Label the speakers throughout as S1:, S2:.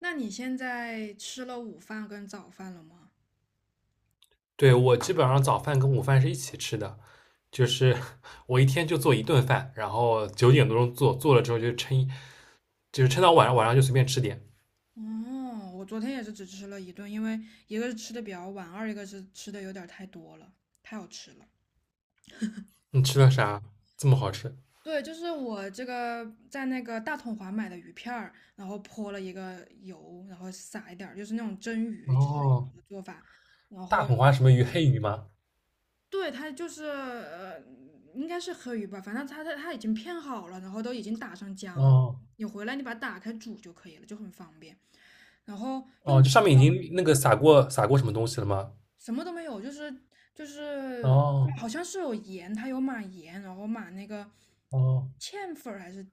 S1: 那你现在吃了午饭跟早饭了吗？
S2: 对，我基本上早饭跟午饭是一起吃的，就是我一天就做一顿饭，然后9点多钟做，做了之后就就是撑到晚上，晚上就随便吃点。
S1: 哦，我昨天也是只吃了一顿，因为一个是吃的比较晚，二一个是吃的有点儿太多了，太好吃了。
S2: 你吃了啥？这么好吃？
S1: 对，就是我这个在那个大统华买的鱼片儿，然后泼了一个油，然后撒一点儿，就是那种蒸鱼吃鱼
S2: 哦，
S1: 的做法，然
S2: 大
S1: 后
S2: 红花什么鱼？黑鱼吗？
S1: 对，他就是应该是黑鱼吧，反正他已经片好了，然后都已经打上浆
S2: 哦
S1: 你回来你把它打开煮就可以了，就很方便。然后
S2: 哦，
S1: 用
S2: 这上面已经那个撒过什么东西了吗？
S1: 什么都没有，就是
S2: 哦
S1: 好像是有盐，它有码盐，然后码那个
S2: 哦
S1: 芡粉儿还是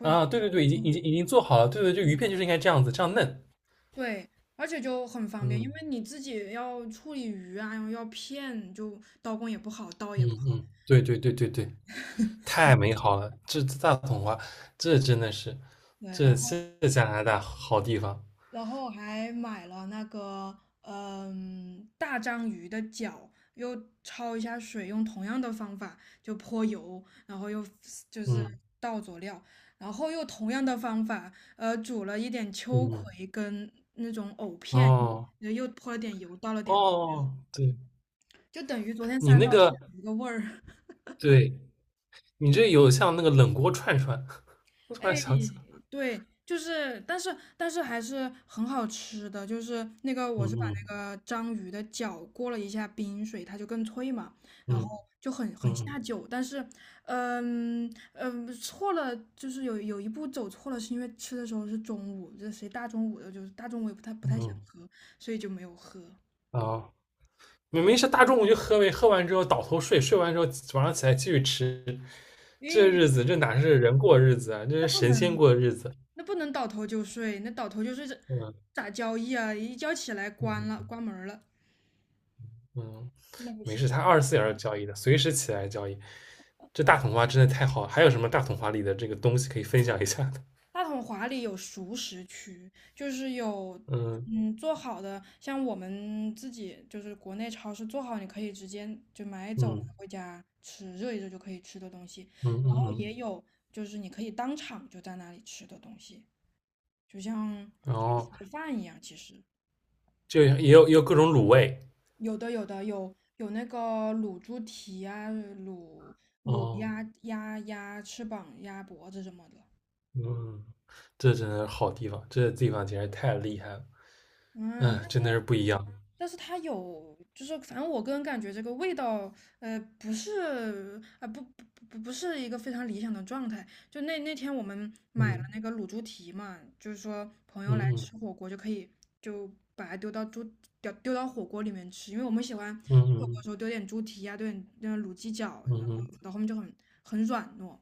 S2: 啊，对对对，已经做好了。对对，就鱼片就是应该这样子，这样嫩。
S1: 对，而且就很方便，因
S2: 嗯
S1: 为你自己要处理鱼啊，要片，就刀工也不好，刀
S2: 嗯
S1: 也不好。
S2: 嗯，对对对对对，太美好了，这大红花，这真的是。
S1: 对，
S2: 这
S1: 然后。
S2: 这加拿大好地方，
S1: 然后还买了那个大章鱼的脚，又焯一下水，用同样的方法就泼油，然后又就是
S2: 嗯
S1: 倒佐料，然后又同样的方法，煮了一点秋
S2: 嗯，
S1: 葵跟藕片，
S2: 哦
S1: 又泼了点油，倒了点，
S2: 哦，对
S1: 就等于昨天
S2: 你
S1: 三
S2: 那
S1: 道菜
S2: 个，
S1: 一个味儿。
S2: 对你这有像那个冷锅串串，我突
S1: 哎，
S2: 然想起来，
S1: 对，就是，但是还是很好吃的，就是那个
S2: 嗯
S1: 我是把
S2: 嗯
S1: 那个章鱼的脚过了一下冰水，它就更脆嘛。
S2: 嗯
S1: 下
S2: 嗯
S1: 酒，但是，嗯嗯，错了，就是有一步走错了，是因为吃的时候是中午，这谁大中午的，就是大中午也不太想
S2: 嗯，
S1: 喝，所以就没有喝。
S2: 哦，明明是大中午就喝呗，喝完之后倒头睡，睡完之后晚上起来继续吃，
S1: 因
S2: 这
S1: 为
S2: 日子这哪是人过日子啊，这
S1: 那
S2: 是
S1: 不
S2: 神仙
S1: 能
S2: 过日子，
S1: 那不能倒头就睡，那倒头就睡这
S2: 嗯
S1: 咋交易啊？一觉起来关了
S2: 嗯。
S1: 关门儿了，
S2: 嗯，
S1: 那不
S2: 没
S1: 行。
S2: 事，它24小时交易的，随时起来交易。这大统花真的太好了，还有什么大统花里的这个东西可以分享一下的？
S1: 大统华里有熟食区，就是有
S2: 嗯
S1: 做好的，像我们自己就是国内超市做好，你可以直接就买走
S2: 嗯
S1: 拿回家吃，热一热就可以吃的东西。
S2: 嗯
S1: 然
S2: 嗯
S1: 后
S2: 嗯，
S1: 也有就是你可以当场就在那里吃的东西，就像
S2: 然后
S1: 盒饭一样。其实
S2: 就也有各种卤味
S1: 有的有那个卤猪蹄啊，卤卤
S2: 哦，
S1: 鸭鸭翅膀、鸭脖子什么的。
S2: 嗯，这真的是好地方，这地方简直太厉害了，
S1: 嗯，
S2: 嗯，
S1: 但是
S2: 真的是不一样，
S1: 但是它有，就是反正我个人感觉这个味道，不是啊、不是一个非常理想的状态。就那那天我们买了
S2: 嗯
S1: 那个卤猪蹄嘛，就是说朋友来
S2: 嗯
S1: 吃火锅就可以就把它丢到猪丢到火锅里面吃，因为我们喜欢
S2: 嗯
S1: 火锅的
S2: 嗯
S1: 时候丢点猪蹄啊，丢点卤鸡脚，
S2: 嗯
S1: 然
S2: 嗯
S1: 后
S2: 嗯
S1: 到后面就很很软糯，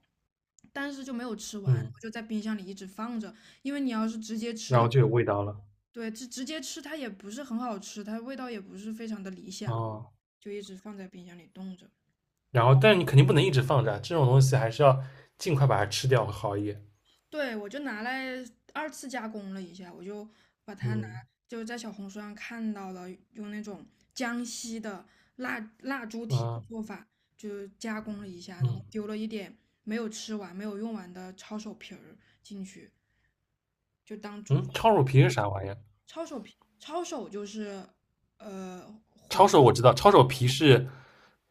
S1: 但是就没有吃完，
S2: 嗯，
S1: 我就在冰箱里一直放着，因为你要是直接吃
S2: 然
S1: 的
S2: 后
S1: 话。
S2: 就有味道了
S1: 对，直接吃它也不是很好吃，它味道也不是非常的理想，
S2: 哦，
S1: 就一直放在冰箱里冻着。
S2: 然后但是你肯定不能一直放着啊，这种东西还是要尽快把它吃掉会好一点，
S1: 对，我就拿来二次加工了一下，我就把它拿，
S2: 嗯
S1: 就是在小红书上看到了用那种江西的腊猪蹄的
S2: 啊
S1: 做法，就加工了一下，然后
S2: 嗯。
S1: 丢了一点没有吃完、没有用完的抄手皮儿进去，就当主
S2: 嗯，
S1: 食。
S2: 抄手皮是啥玩意儿？
S1: 抄手皮，抄手就是呃馄
S2: 抄手我知道，抄手皮是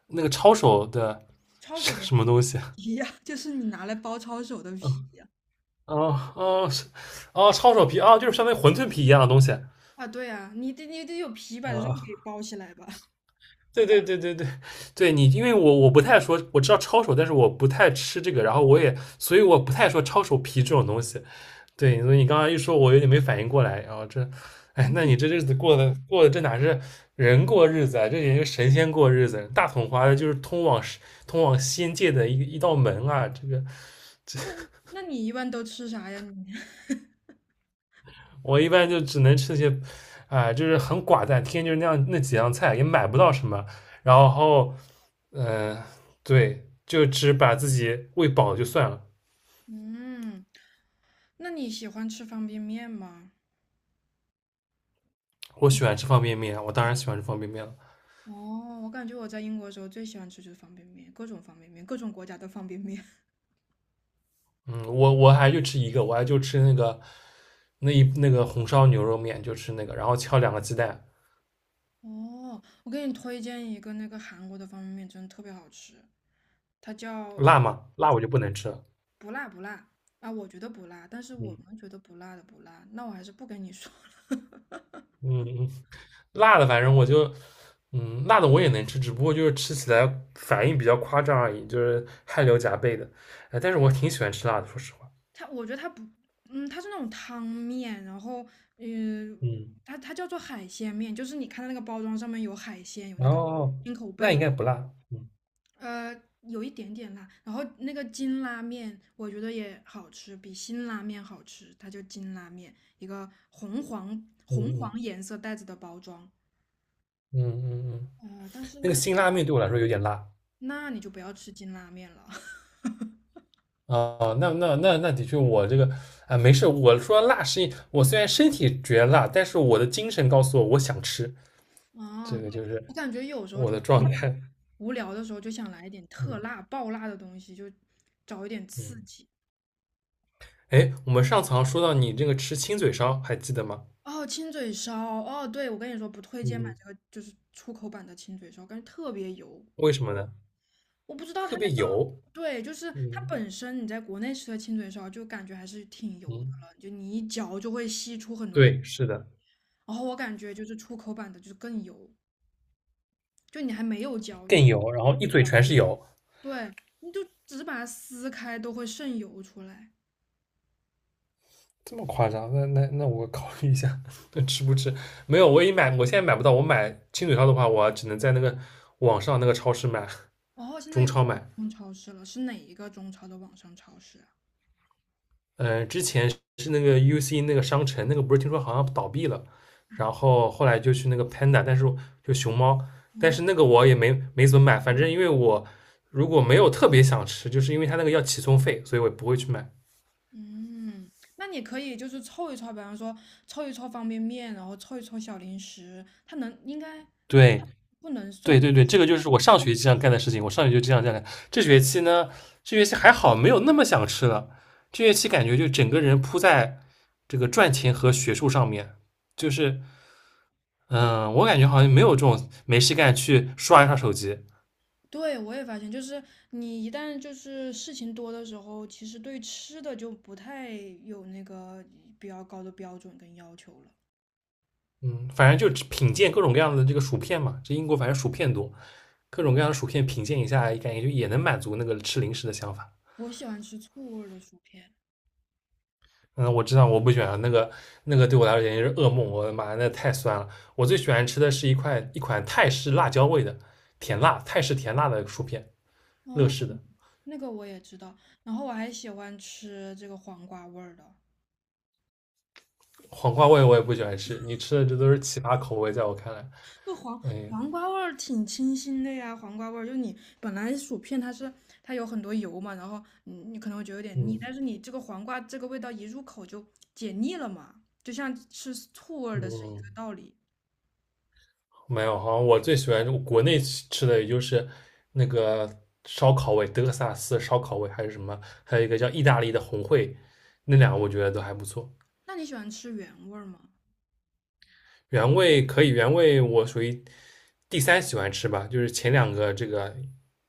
S2: 那个抄手的
S1: 抄
S2: 是
S1: 手 的
S2: 什么东西？
S1: 皮呀、就是你拿来包抄手的皮
S2: 嗯，
S1: 呀、
S2: 哦哦是哦，抄手皮啊，就是相当于馄饨皮一样的东西。
S1: 啊。对呀、你得有皮把肉
S2: 啊，
S1: 给包起来吧。
S2: 对对对对对，对你，因为我不太说，我知道抄手，但是我不太吃这个，然后所以我不太说抄手皮这种东西。对，所以你刚刚一说，我有点没反应过来。然后这，哎，
S1: 馄
S2: 那
S1: 饨
S2: 你这日子过的这哪是人过日子啊？这也是神仙过日子。大统华的就是通往仙界的一道门啊。这个
S1: 皮，那你一般都吃啥呀你？
S2: 我一般就只能吃些，啊、就是很寡淡，天天就是那样那几样菜，也买不到什么。然后，嗯、对，就只把自己喂饱就算了。
S1: 嗯，那你喜欢吃方便面吗？
S2: 我喜欢吃方便面啊，我当然喜欢吃方便面了。
S1: 哦，我感觉我在英国的时候最喜欢吃就是方便面，各种方便面，各种国家的方便面。
S2: 嗯，我还就吃一个，我还就吃那个红烧牛肉面，就吃那个，然后敲两个鸡蛋，
S1: 哦，我给你推荐一个那个韩国的方便面，真的特别好吃，它叫
S2: 辣吗？辣我就不能吃了。
S1: 不辣不辣啊，我觉得不辣，但是我
S2: 嗯
S1: 们觉得不辣的不辣，那我还是不跟你说了。
S2: 嗯嗯，辣的反正我就辣的我也能吃，只不过就是吃起来反应比较夸张而已，就是汗流浃背的。哎，但是我挺喜欢吃辣的，说实话。
S1: 它，我觉得它不，它是那种汤面，然后，嗯、
S2: 嗯，
S1: 它它叫做海鲜面，就是你看到那个包装上面有海鲜，有那
S2: 然
S1: 个，
S2: 后那应该不辣。
S1: 有一点点辣，然后那个金拉面，我觉得也好吃，比辛拉面好吃，它叫金拉面，一个红黄
S2: 嗯
S1: 红黄
S2: 嗯
S1: 颜色袋子的包装，
S2: 嗯嗯嗯，
S1: 但是
S2: 那个辛拉面对我来说有点辣。
S1: 那你就不要吃金拉面了。
S2: 啊，那的确，我这个啊，没事。我说辣我虽然身体觉得辣，但是我的精神告诉我我想吃，
S1: 哦，
S2: 这个就
S1: 对，
S2: 是
S1: 我感觉有时候
S2: 我的
S1: 就
S2: 状态。
S1: 无聊的时候就想来一点特
S2: 嗯
S1: 辣、爆辣的东西，就找一点刺
S2: 嗯，
S1: 激。
S2: 哎，我们上次好像说到你这个吃亲嘴烧，还记得吗？
S1: 哦，亲嘴烧，哦，对，我跟你说不推荐买
S2: 嗯，
S1: 这个，就是出口版的亲嘴烧，感觉特别油。
S2: 为什么呢？
S1: 我不知道它
S2: 特
S1: 那
S2: 别
S1: 个，
S2: 油。
S1: 对，就是它
S2: 嗯
S1: 本身你在国内吃的亲嘴烧就感觉还是挺油
S2: 嗯，
S1: 的了，就你一嚼就会吸出很多的。
S2: 对，是的，
S1: 然后我感觉就是出口版的就是更油，就你还没有嚼，
S2: 更
S1: 你
S2: 油，然后一嘴全是油，
S1: 对，你就只是把它撕开都会渗油出来。
S2: 这么夸张？那我考虑一下，那吃不吃？没有，我也买，我现在买不到。我买亲嘴烧的话，我只能在那个网上那个超市买。
S1: 哦，现在
S2: 中
S1: 有
S2: 超
S1: 网
S2: 买。
S1: 上超市了，是哪一个中超的网上超市啊？
S2: 之前是那个 UC 那个商城，那个不是听说好像倒闭了，然后后来就去那个 Panda，但是就熊猫，但
S1: 哦，
S2: 是那个我也没怎么买，反正因为我如果没有特别想吃，就是因为他那个要起送费，所以我也不会去买。
S1: 嗯，那你可以就是凑一凑，比方说凑一凑方便面，然后凑一凑小零食，它能应该
S2: 对
S1: 不能
S2: 对
S1: 送。
S2: 对对，这个就是我上学期这样干的事情，我上学期就这样干的。这学期呢，这学期还好，没有那么想吃了。这学期感觉就整个人扑在这个赚钱和学术上面，就是嗯，我感觉好像没有这种没事干去刷一刷手机。
S1: 对，我也发现，就是你一旦就是事情多的时候，其实对吃的就不太有那个比较高的标准跟要求了。
S2: 嗯，反正就品鉴各种各样的这个薯片嘛，这英国反正薯片多，各种各样的薯片品鉴一下，感觉就也能满足那个吃零食的想法。
S1: 我喜欢吃醋味儿的薯片，
S2: 嗯，我知道我不喜欢那个对我来说简直是噩梦，我的妈，那太酸了。我最喜欢吃的是一款泰式辣椒味的泰式甜辣的薯片，乐
S1: 哦，
S2: 事的
S1: 那个我也知道，然后我还喜欢吃这个黄瓜味儿的。
S2: 黄瓜味我也不喜欢吃。你吃的这都是奇葩口味，在我看来，
S1: 不黄
S2: 哎，
S1: 黄瓜味儿挺清新的呀，黄瓜味儿就你本来薯片它是它有很多油嘛，然后你可能会觉得有点腻，
S2: 嗯
S1: 但是你这个黄瓜这个味道一入口就解腻了嘛，就像吃醋味儿的是一
S2: 嗯，
S1: 个道理。
S2: 没有，好像我最喜欢国内吃的也就是那个烧烤味，德克萨斯烧烤味，还是什么，还有一个叫意大利的红烩，那两个我觉得都还不错。
S1: 那你喜欢吃原味儿吗？
S2: 原味可以，原味我属于第三喜欢吃吧，就是前两个这个，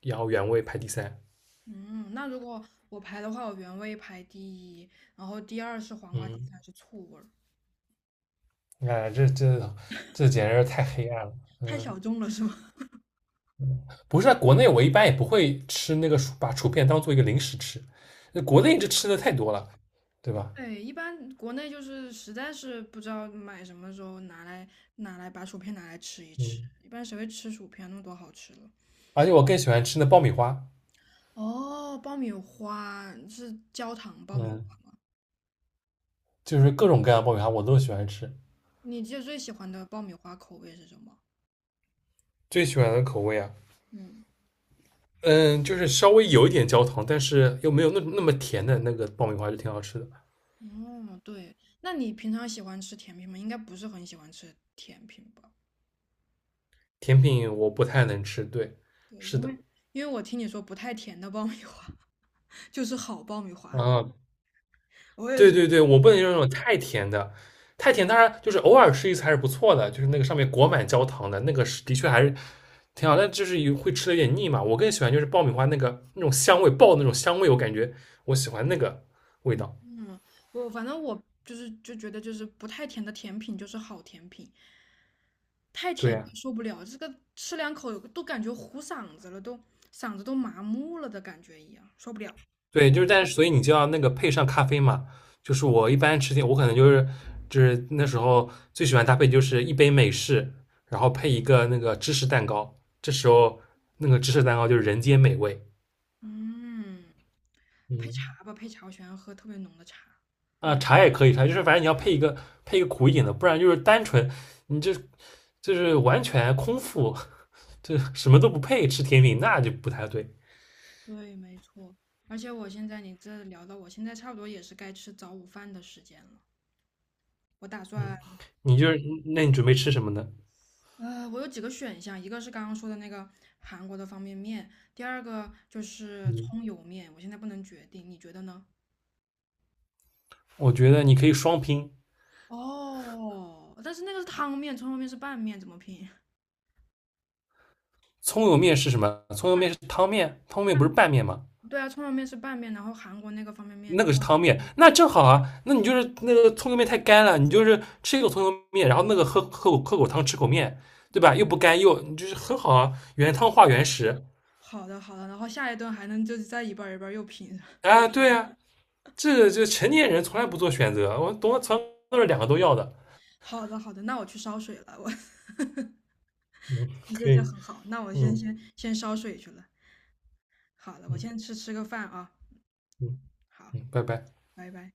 S2: 然后原味排第三。
S1: 嗯，那如果我排的话，我原味排第一，然后第二是黄瓜，第
S2: 嗯，
S1: 三是醋味儿，
S2: 哎，这简直是太黑暗了。
S1: 太
S2: 嗯，
S1: 小众了是吗？
S2: 不是啊，在国内我一般也不会吃那个薯，把薯片当做一个零食吃，那国内这 吃的太多了，对吧？
S1: 对，一般国内就是实在是不知道买什么的时候拿来把薯片拿来吃一吃，
S2: 嗯，
S1: 一般谁会吃薯片？那么多好吃的。
S2: 而且我更喜欢吃那爆米花。
S1: 哦，爆米花是焦糖爆米
S2: 嗯，
S1: 花，
S2: 就是各种各样的爆米花我都喜欢吃。
S1: 你记得最喜欢的爆米花口味是什么？
S2: 最喜欢的口味啊，
S1: 嗯，
S2: 嗯，就是稍微有一点焦糖，但是又没有那么甜的那个爆米花就挺好吃的。
S1: 哦，对，那你平常喜欢吃甜品吗？应该不是很喜欢吃甜品吧？
S2: 甜品我不太能吃，对，
S1: 对，
S2: 是
S1: 因
S2: 的，
S1: 为因为我听你说不太甜的爆米花 就是好爆米花，
S2: 啊，
S1: 我也
S2: 对
S1: 是。
S2: 对对，我不能用那种太甜的，太甜当然就是偶尔吃一次还是不错的，就是那个上面裹满焦糖的那个是的确还是挺好，但就是有会吃的有点腻嘛。我更喜欢就是爆米花那个那种香味爆的那种香味，我感觉我喜欢那个味道。
S1: 嗯，我反正我就是就觉得就是不太甜的甜品就是好甜品，太
S2: 对
S1: 甜了
S2: 呀、
S1: 受不了，这个吃两口都感觉糊嗓子了，都嗓子都麻木了的感觉一样，受不了。
S2: 对，就是但是所以你就要那个配上咖啡嘛。就是我一般吃甜，我可能就是那时候最喜欢搭配就是一杯美式，然后配一个那个芝士蛋糕。这时候那个芝士蛋糕就是人间美味。
S1: 嗯，配
S2: 嗯
S1: 茶吧，配茶，我喜欢喝特别浓的茶。
S2: 啊，茶也可以，茶就是反正你要配一个苦一点的，不然就是单纯你就是完全空腹，就什么都不配吃甜品，那就不太对。
S1: 对，没错。而且我现在你这聊到我现在差不多也是该吃早午饭的时间了，我打算
S2: 嗯，你就是那你准备吃什么呢？
S1: 我有几个选项，一个是刚刚说的那个韩国的方便面，第二个就是
S2: 嗯，
S1: 葱油面，我现在不能决定，你觉得呢？
S2: 我觉得你可以双拼，
S1: 哦，但是那个是汤面，葱油面是拌面，怎么拼？
S2: 葱油面是什么？葱油面是汤面，汤面不是拌面吗？
S1: 对啊，葱油面是拌面，然后韩国那个方便面，
S2: 那个是汤面，那正好啊。那你就是那个葱油面太干了，你就是吃一口葱油面，然后那个喝口汤，吃口面，对吧？又不干又你就是很好啊，原汤化原食
S1: 好的好的，然后下一顿还能就是再一半儿一半儿又拼，
S2: 啊，对啊，这个就成年人从来不做选择，我从来从来都是两个都要的，
S1: 好的好的，那我去烧水了，我
S2: 嗯，
S1: 这这
S2: 可
S1: 这
S2: 以，
S1: 很好，那我先
S2: 嗯
S1: 先先烧水去了，好了，我
S2: 嗯
S1: 先吃个饭啊，
S2: 嗯
S1: 好，
S2: 嗯，拜拜。
S1: 拜拜。